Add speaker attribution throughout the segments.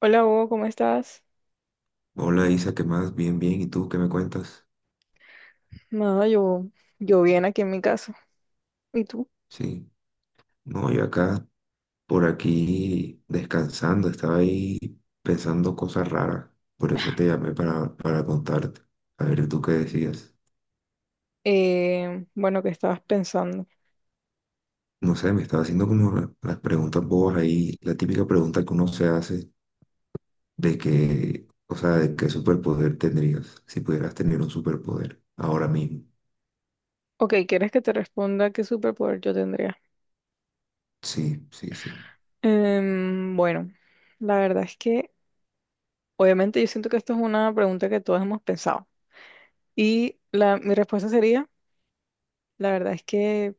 Speaker 1: Hola Hugo, ¿cómo estás?
Speaker 2: Hola Isa, ¿qué más? Bien, bien. ¿Y tú qué me cuentas?
Speaker 1: Nada, yo bien aquí en mi casa. ¿Y tú?
Speaker 2: Sí. No, yo acá, por aquí, descansando. Estaba ahí pensando cosas raras. Por eso te llamé para contarte. A ver, ¿tú qué decías?
Speaker 1: Bueno, ¿qué estabas pensando?
Speaker 2: No sé, me estaba haciendo como las preguntas bobas ahí. La típica pregunta que uno se hace de que, o sea, de qué superpoder tendrías si pudieras tener un superpoder ahora mismo.
Speaker 1: Ok, ¿quieres que te responda qué superpoder yo tendría?
Speaker 2: Sí, sí, sí.
Speaker 1: Bueno, la verdad es que obviamente yo siento que esto es una pregunta que todos hemos pensado. Y mi respuesta sería, la verdad es que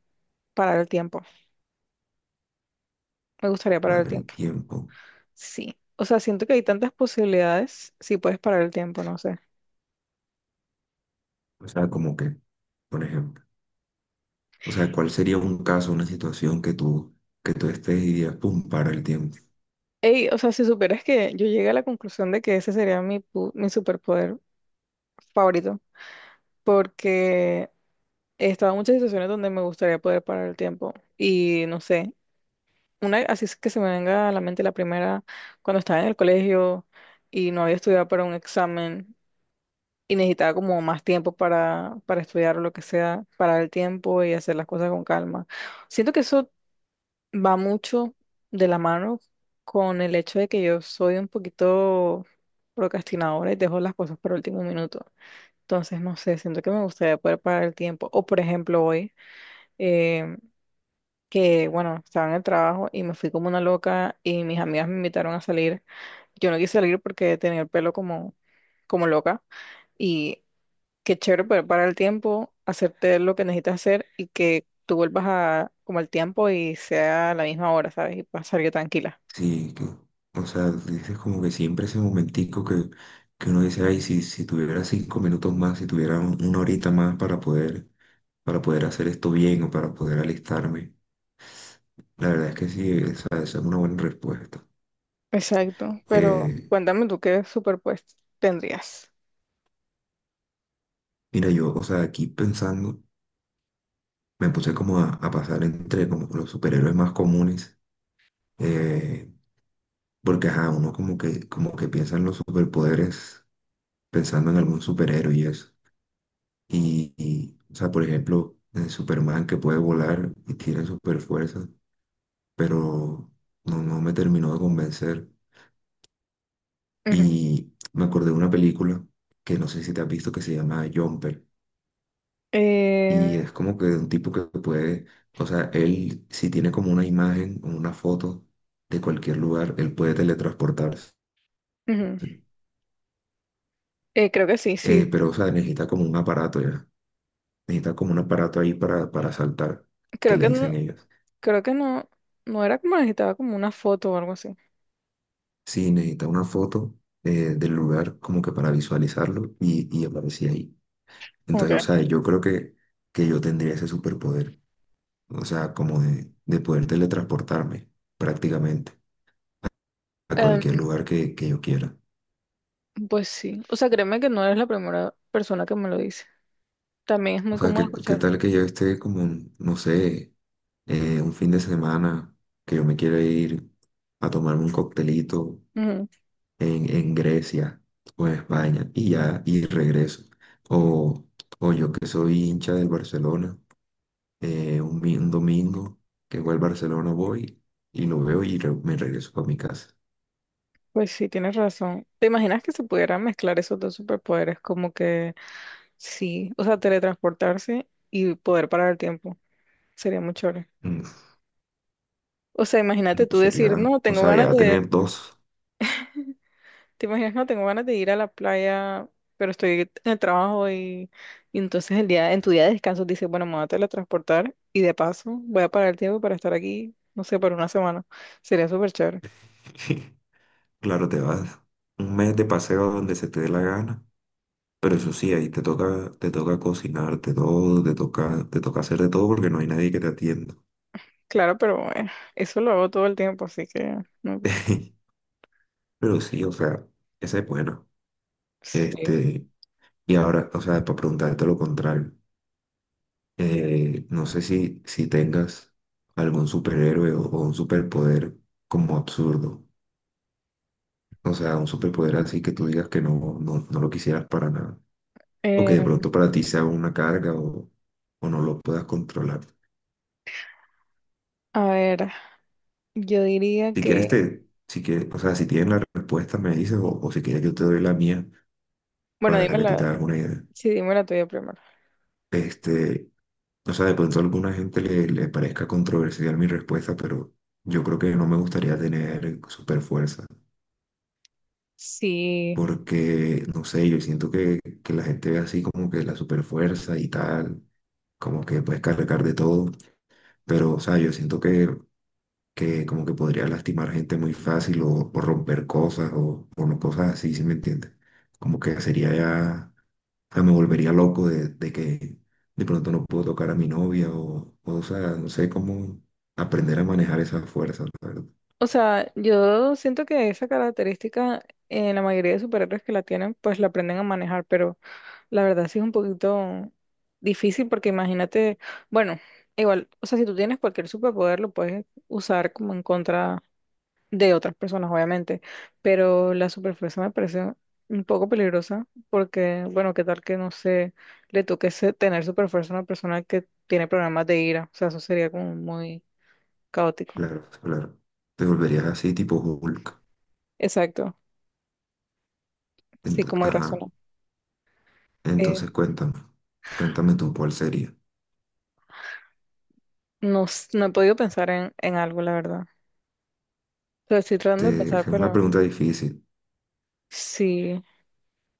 Speaker 1: parar el tiempo. Me gustaría parar el
Speaker 2: Para el
Speaker 1: tiempo.
Speaker 2: tiempo.
Speaker 1: Sí. O sea, siento que hay tantas posibilidades si puedes parar el tiempo, no sé.
Speaker 2: O sea, como que, por ejemplo. O sea, ¿cuál sería un caso, una situación que tú estés y digas, pum, para el tiempo?
Speaker 1: Ey, o sea, si supieras que yo llegué a la conclusión de que ese sería mi superpoder favorito, porque he estado en muchas situaciones donde me gustaría poder parar el tiempo y no sé, una así es que se me venga a la mente la primera, cuando estaba en el colegio y no había estudiado para un examen y necesitaba como más tiempo para estudiar o lo que sea, parar el tiempo y hacer las cosas con calma. Siento que eso va mucho de la mano con el hecho de que yo soy un poquito procrastinadora y dejo las cosas para último minuto. Entonces, no sé, siento que me gustaría poder parar el tiempo. O, por ejemplo, hoy, eh, que, bueno, estaba en el trabajo y me fui como una loca y mis amigas me invitaron a salir. Yo no quise salir porque tenía el pelo como loca. Y qué chévere poder parar el tiempo, hacerte lo que necesitas hacer y que tú vuelvas a como al tiempo y sea a la misma hora, ¿sabes? Y pasar yo tranquila.
Speaker 2: Sí, que, o sea, dices como que siempre ese momentico que uno dice, ay, si tuviera 5 minutos más, si tuviera una horita más para poder hacer esto bien o para poder alistarme. La verdad es que sí, esa es una buena respuesta.
Speaker 1: Exacto, pero
Speaker 2: Eh,
Speaker 1: cuéntame tú qué superpuesto tendrías.
Speaker 2: Mira, yo, o sea, aquí pensando, me puse como a pasar entre como los superhéroes más comunes. Eh, Porque, ajá, uno como que piensa en los superpoderes pensando en algún superhéroe y eso. O sea, por ejemplo, en Superman que puede volar y tiene super fuerza, pero no, no me terminó de convencer.
Speaker 1: Ujú.
Speaker 2: Y me acordé de una película que no sé si te has visto que se llama Jumper. Y
Speaker 1: Eh,
Speaker 2: es como que de un tipo que puede, o sea, él si tiene como una imagen o una foto de cualquier lugar, él puede teletransportarse.
Speaker 1: ujú. Creo que sí, sí.
Speaker 2: Pero, o sea, necesita como un aparato ya. Necesita como un aparato ahí para saltar, que
Speaker 1: Creo
Speaker 2: le
Speaker 1: que no,
Speaker 2: dicen ellos.
Speaker 1: creo que no, no era como necesitaba como una foto o algo así.
Speaker 2: Sí, necesita una foto del lugar como que para visualizarlo y aparecía ahí.
Speaker 1: Ok.
Speaker 2: Entonces, o sea, yo creo que yo tendría ese superpoder. O sea, como de poder teletransportarme prácticamente a cualquier
Speaker 1: Em,
Speaker 2: lugar que yo quiera.
Speaker 1: pues sí. O sea, créeme que no eres la primera persona que me lo dice. También es
Speaker 2: O
Speaker 1: muy
Speaker 2: sea,
Speaker 1: cómodo
Speaker 2: ¿qué, qué
Speaker 1: escuchar.
Speaker 2: tal que yo esté como, no sé, un fin de semana que yo me quiera ir a tomarme un coctelito en Grecia o en España y ya, y regreso. O, o yo que soy hincha del Barcelona, un, un domingo que voy al Barcelona voy y lo veo y me regreso para mi casa.
Speaker 1: Pues sí, tienes razón. ¿Te imaginas que se pudieran mezclar esos dos superpoderes? Como que sí, o sea, teletransportarse y poder parar el tiempo. Sería muy chévere.
Speaker 2: Mm,
Speaker 1: O sea, imagínate
Speaker 2: no
Speaker 1: tú decir,
Speaker 2: sería,
Speaker 1: no,
Speaker 2: o
Speaker 1: tengo
Speaker 2: sea,
Speaker 1: ganas
Speaker 2: ya
Speaker 1: de,
Speaker 2: tener dos,
Speaker 1: te imaginas, no, tengo ganas de ir a la playa, pero estoy en el trabajo y entonces en tu día de descanso dices, bueno, me voy a teletransportar y de paso voy a parar el tiempo para estar aquí, no sé, por una semana. Sería súper chévere.
Speaker 2: claro, te vas un mes de paseo donde se te dé la gana. Pero eso sí, ahí te toca cocinarte todo, te toca hacer de todo porque no hay nadie que te atienda.
Speaker 1: Claro, pero bueno, eso lo hago todo el tiempo, así que no importa.
Speaker 2: Pero sí, o sea, esa es buena.
Speaker 1: Sí.
Speaker 2: Este, y ahora, o sea, para preguntarte lo contrario, no sé si, si tengas algún superhéroe o un superpoder como absurdo. O sea, un superpoder así que tú digas que no, no, no lo quisieras para nada. O que de pronto para ti sea una carga o no lo puedas controlar.
Speaker 1: A ver, yo diría
Speaker 2: Si quieres,
Speaker 1: que,
Speaker 2: te, si quieres, o sea, si tienes la respuesta, me dices, o si quieres, yo te doy la mía
Speaker 1: bueno,
Speaker 2: para
Speaker 1: dime
Speaker 2: que tú te hagas una idea.
Speaker 1: sí, dime la tuya primero.
Speaker 2: Este, o sea, de pronto a alguna gente le, le parezca controversial mi respuesta, pero yo creo que no me gustaría tener super fuerza,
Speaker 1: Sí,
Speaker 2: porque, no sé, yo siento que la gente ve así como que la super fuerza y tal, como que puedes cargar de todo, pero, o sea, yo siento que como que podría lastimar gente muy fácil o romper cosas o no cosas así, ¿sí me entiendes? Como que sería ya, o sea, me volvería loco de que de pronto no puedo tocar a mi novia o sea, no sé cómo aprender a manejar esas fuerzas, la verdad.
Speaker 1: o sea, yo siento que esa característica en la mayoría de superhéroes que la tienen, pues la aprenden a manejar, pero la verdad sí es un poquito difícil porque imagínate, bueno, igual, o sea, si tú tienes cualquier superpoder lo puedes usar como en contra de otras personas, obviamente, pero la superfuerza me parece un poco peligrosa porque, bueno, qué tal que no sé, le toque tener superfuerza a una persona que tiene problemas de ira, o sea, eso sería como muy caótico.
Speaker 2: Claro, claro. Te volverías así tipo Hulk.
Speaker 1: Exacto, sí, como hay razón.
Speaker 2: Ajá.
Speaker 1: Eh,
Speaker 2: Entonces cuéntame, cuéntame tú cuál sería.
Speaker 1: no, no he podido pensar en algo, la verdad. O sea, estoy tratando de pensar,
Speaker 2: Es una
Speaker 1: pero
Speaker 2: pregunta difícil.
Speaker 1: sí,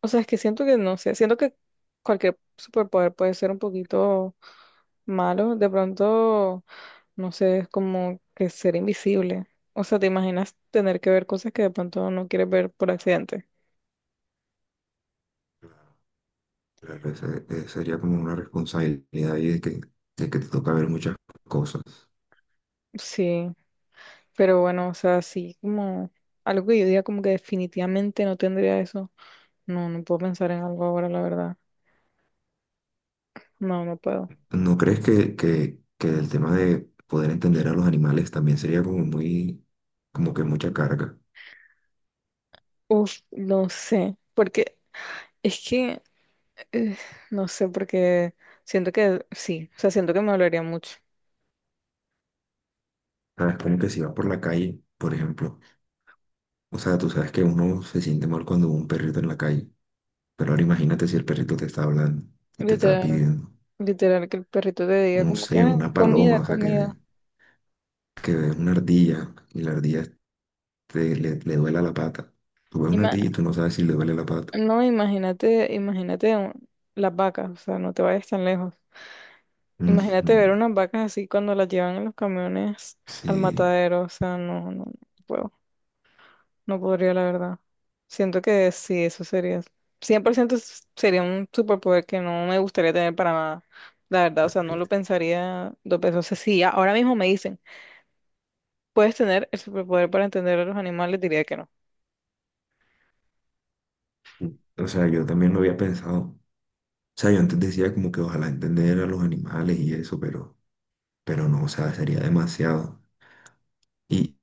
Speaker 1: o sea, es que siento que no sé, siento que cualquier superpoder puede ser un poquito malo, de pronto. No sé, es como que ser invisible. O sea, te imaginas tener que ver cosas que de pronto no quieres ver por accidente.
Speaker 2: Claro, sería como una responsabilidad ahí de que te toca ver muchas cosas.
Speaker 1: Sí, pero bueno, o sea, sí, como algo que yo diga como que definitivamente no tendría eso. No, no puedo pensar en algo ahora, la verdad. No, no puedo.
Speaker 2: ¿No crees que el tema de poder entender a los animales también sería como muy, como que mucha carga?
Speaker 1: Uf, no sé, porque es que, eh, no sé, porque siento que sí, o sea, siento que me dolería mucho.
Speaker 2: ¿Sabes? Como que si vas por la calle, por ejemplo, o sea, tú sabes que uno se siente mal cuando ve un perrito en la calle, pero ahora imagínate si el perrito te está hablando y te está
Speaker 1: Literal,
Speaker 2: pidiendo,
Speaker 1: literal, que el perrito te diga
Speaker 2: no
Speaker 1: como que,
Speaker 2: sé,
Speaker 1: "Ah,
Speaker 2: una
Speaker 1: comida,
Speaker 2: paloma, o sea, que,
Speaker 1: comida.
Speaker 2: que ves una ardilla y la ardilla te, le duele la pata. Tú ves una ardilla y tú no sabes si le duele la pata.
Speaker 1: No, imagínate, imagínate las vacas, o sea, no te vayas tan lejos.
Speaker 2: Ujú,
Speaker 1: Imagínate ver unas vacas así cuando las llevan en los camiones al
Speaker 2: sí,
Speaker 1: matadero, o sea, no, no, no puedo, no podría, la verdad. Siento que sí, eso sería, 100% sería un superpoder que no me gustaría tener para nada, la verdad, o
Speaker 2: bueno,
Speaker 1: sea, no lo
Speaker 2: viste.
Speaker 1: pensaría dos veces. O sea, si ahora mismo me dicen, ¿puedes tener el superpoder para entender a los animales? Diría que no.
Speaker 2: O sea, yo también lo había pensado. O sea, yo antes decía como que ojalá entender a los animales y eso, pero no, o sea, sería demasiado. Y,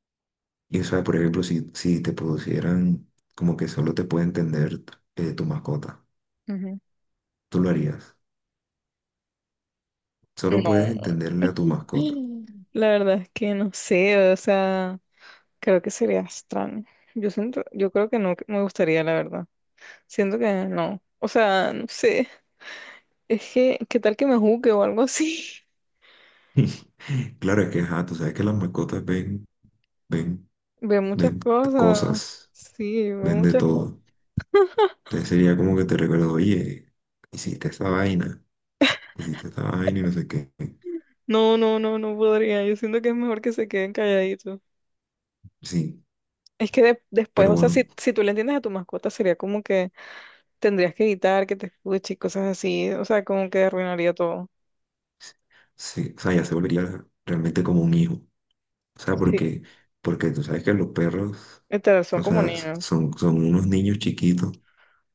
Speaker 2: y o sea, por ejemplo, si, si te producieran como que solo te puede entender tu mascota,
Speaker 1: Ujú.
Speaker 2: tú lo harías. Solo puedes
Speaker 1: No.
Speaker 2: entenderle a tu mascota.
Speaker 1: La verdad es que no sé, o sea, creo que sería extraño. Yo siento, yo creo que no me gustaría, la verdad. Siento que no. O sea, no sé. Es que, ¿qué tal que me juzgue o algo así?
Speaker 2: Claro, es que, ajá, tú sabes que las mascotas ven, ven,
Speaker 1: Veo muchas
Speaker 2: ven
Speaker 1: cosas.
Speaker 2: cosas,
Speaker 1: Sí, veo
Speaker 2: ven de
Speaker 1: muchas cosas.
Speaker 2: todo. Entonces sería como que te recuerdo, oye, hiciste esa vaina. Hiciste esta vaina y no sé qué.
Speaker 1: No, no, no, no podría. Yo siento que es mejor que se queden calladitos.
Speaker 2: Sí,
Speaker 1: Es que después,
Speaker 2: pero
Speaker 1: o sea,
Speaker 2: bueno,
Speaker 1: si, si tú le entiendes a tu mascota, sería como que tendrías que evitar que te escuche y cosas así. O sea, como que arruinaría todo.
Speaker 2: sí, o sea, ya se volvería realmente como un hijo. O sea,
Speaker 1: Sí,
Speaker 2: porque, porque tú sabes que los perros,
Speaker 1: literal, son
Speaker 2: o
Speaker 1: como
Speaker 2: sea,
Speaker 1: niños.
Speaker 2: son, son unos niños chiquitos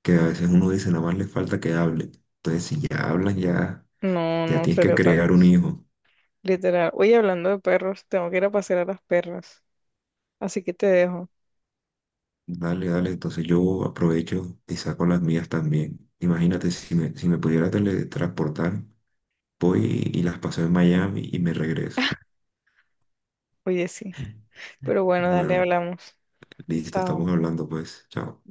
Speaker 2: que a veces uno dice, nada más les falta que hable. Entonces, si ya hablan, ya,
Speaker 1: No,
Speaker 2: ya
Speaker 1: no
Speaker 2: tienes que
Speaker 1: sería otra
Speaker 2: crear un
Speaker 1: cosa.
Speaker 2: hijo.
Speaker 1: Literal. Oye, hablando de perros, tengo que ir a pasear a las perras. Así que te dejo.
Speaker 2: Dale, dale, entonces yo aprovecho y saco las mías también. Imagínate, si me, si me pudiera teletransportar, voy y las paso en Miami y me regreso.
Speaker 1: Oye, sí. Pero bueno, dale,
Speaker 2: Bueno.
Speaker 1: hablamos.
Speaker 2: Listo, estamos
Speaker 1: Chao.
Speaker 2: hablando pues. Chao.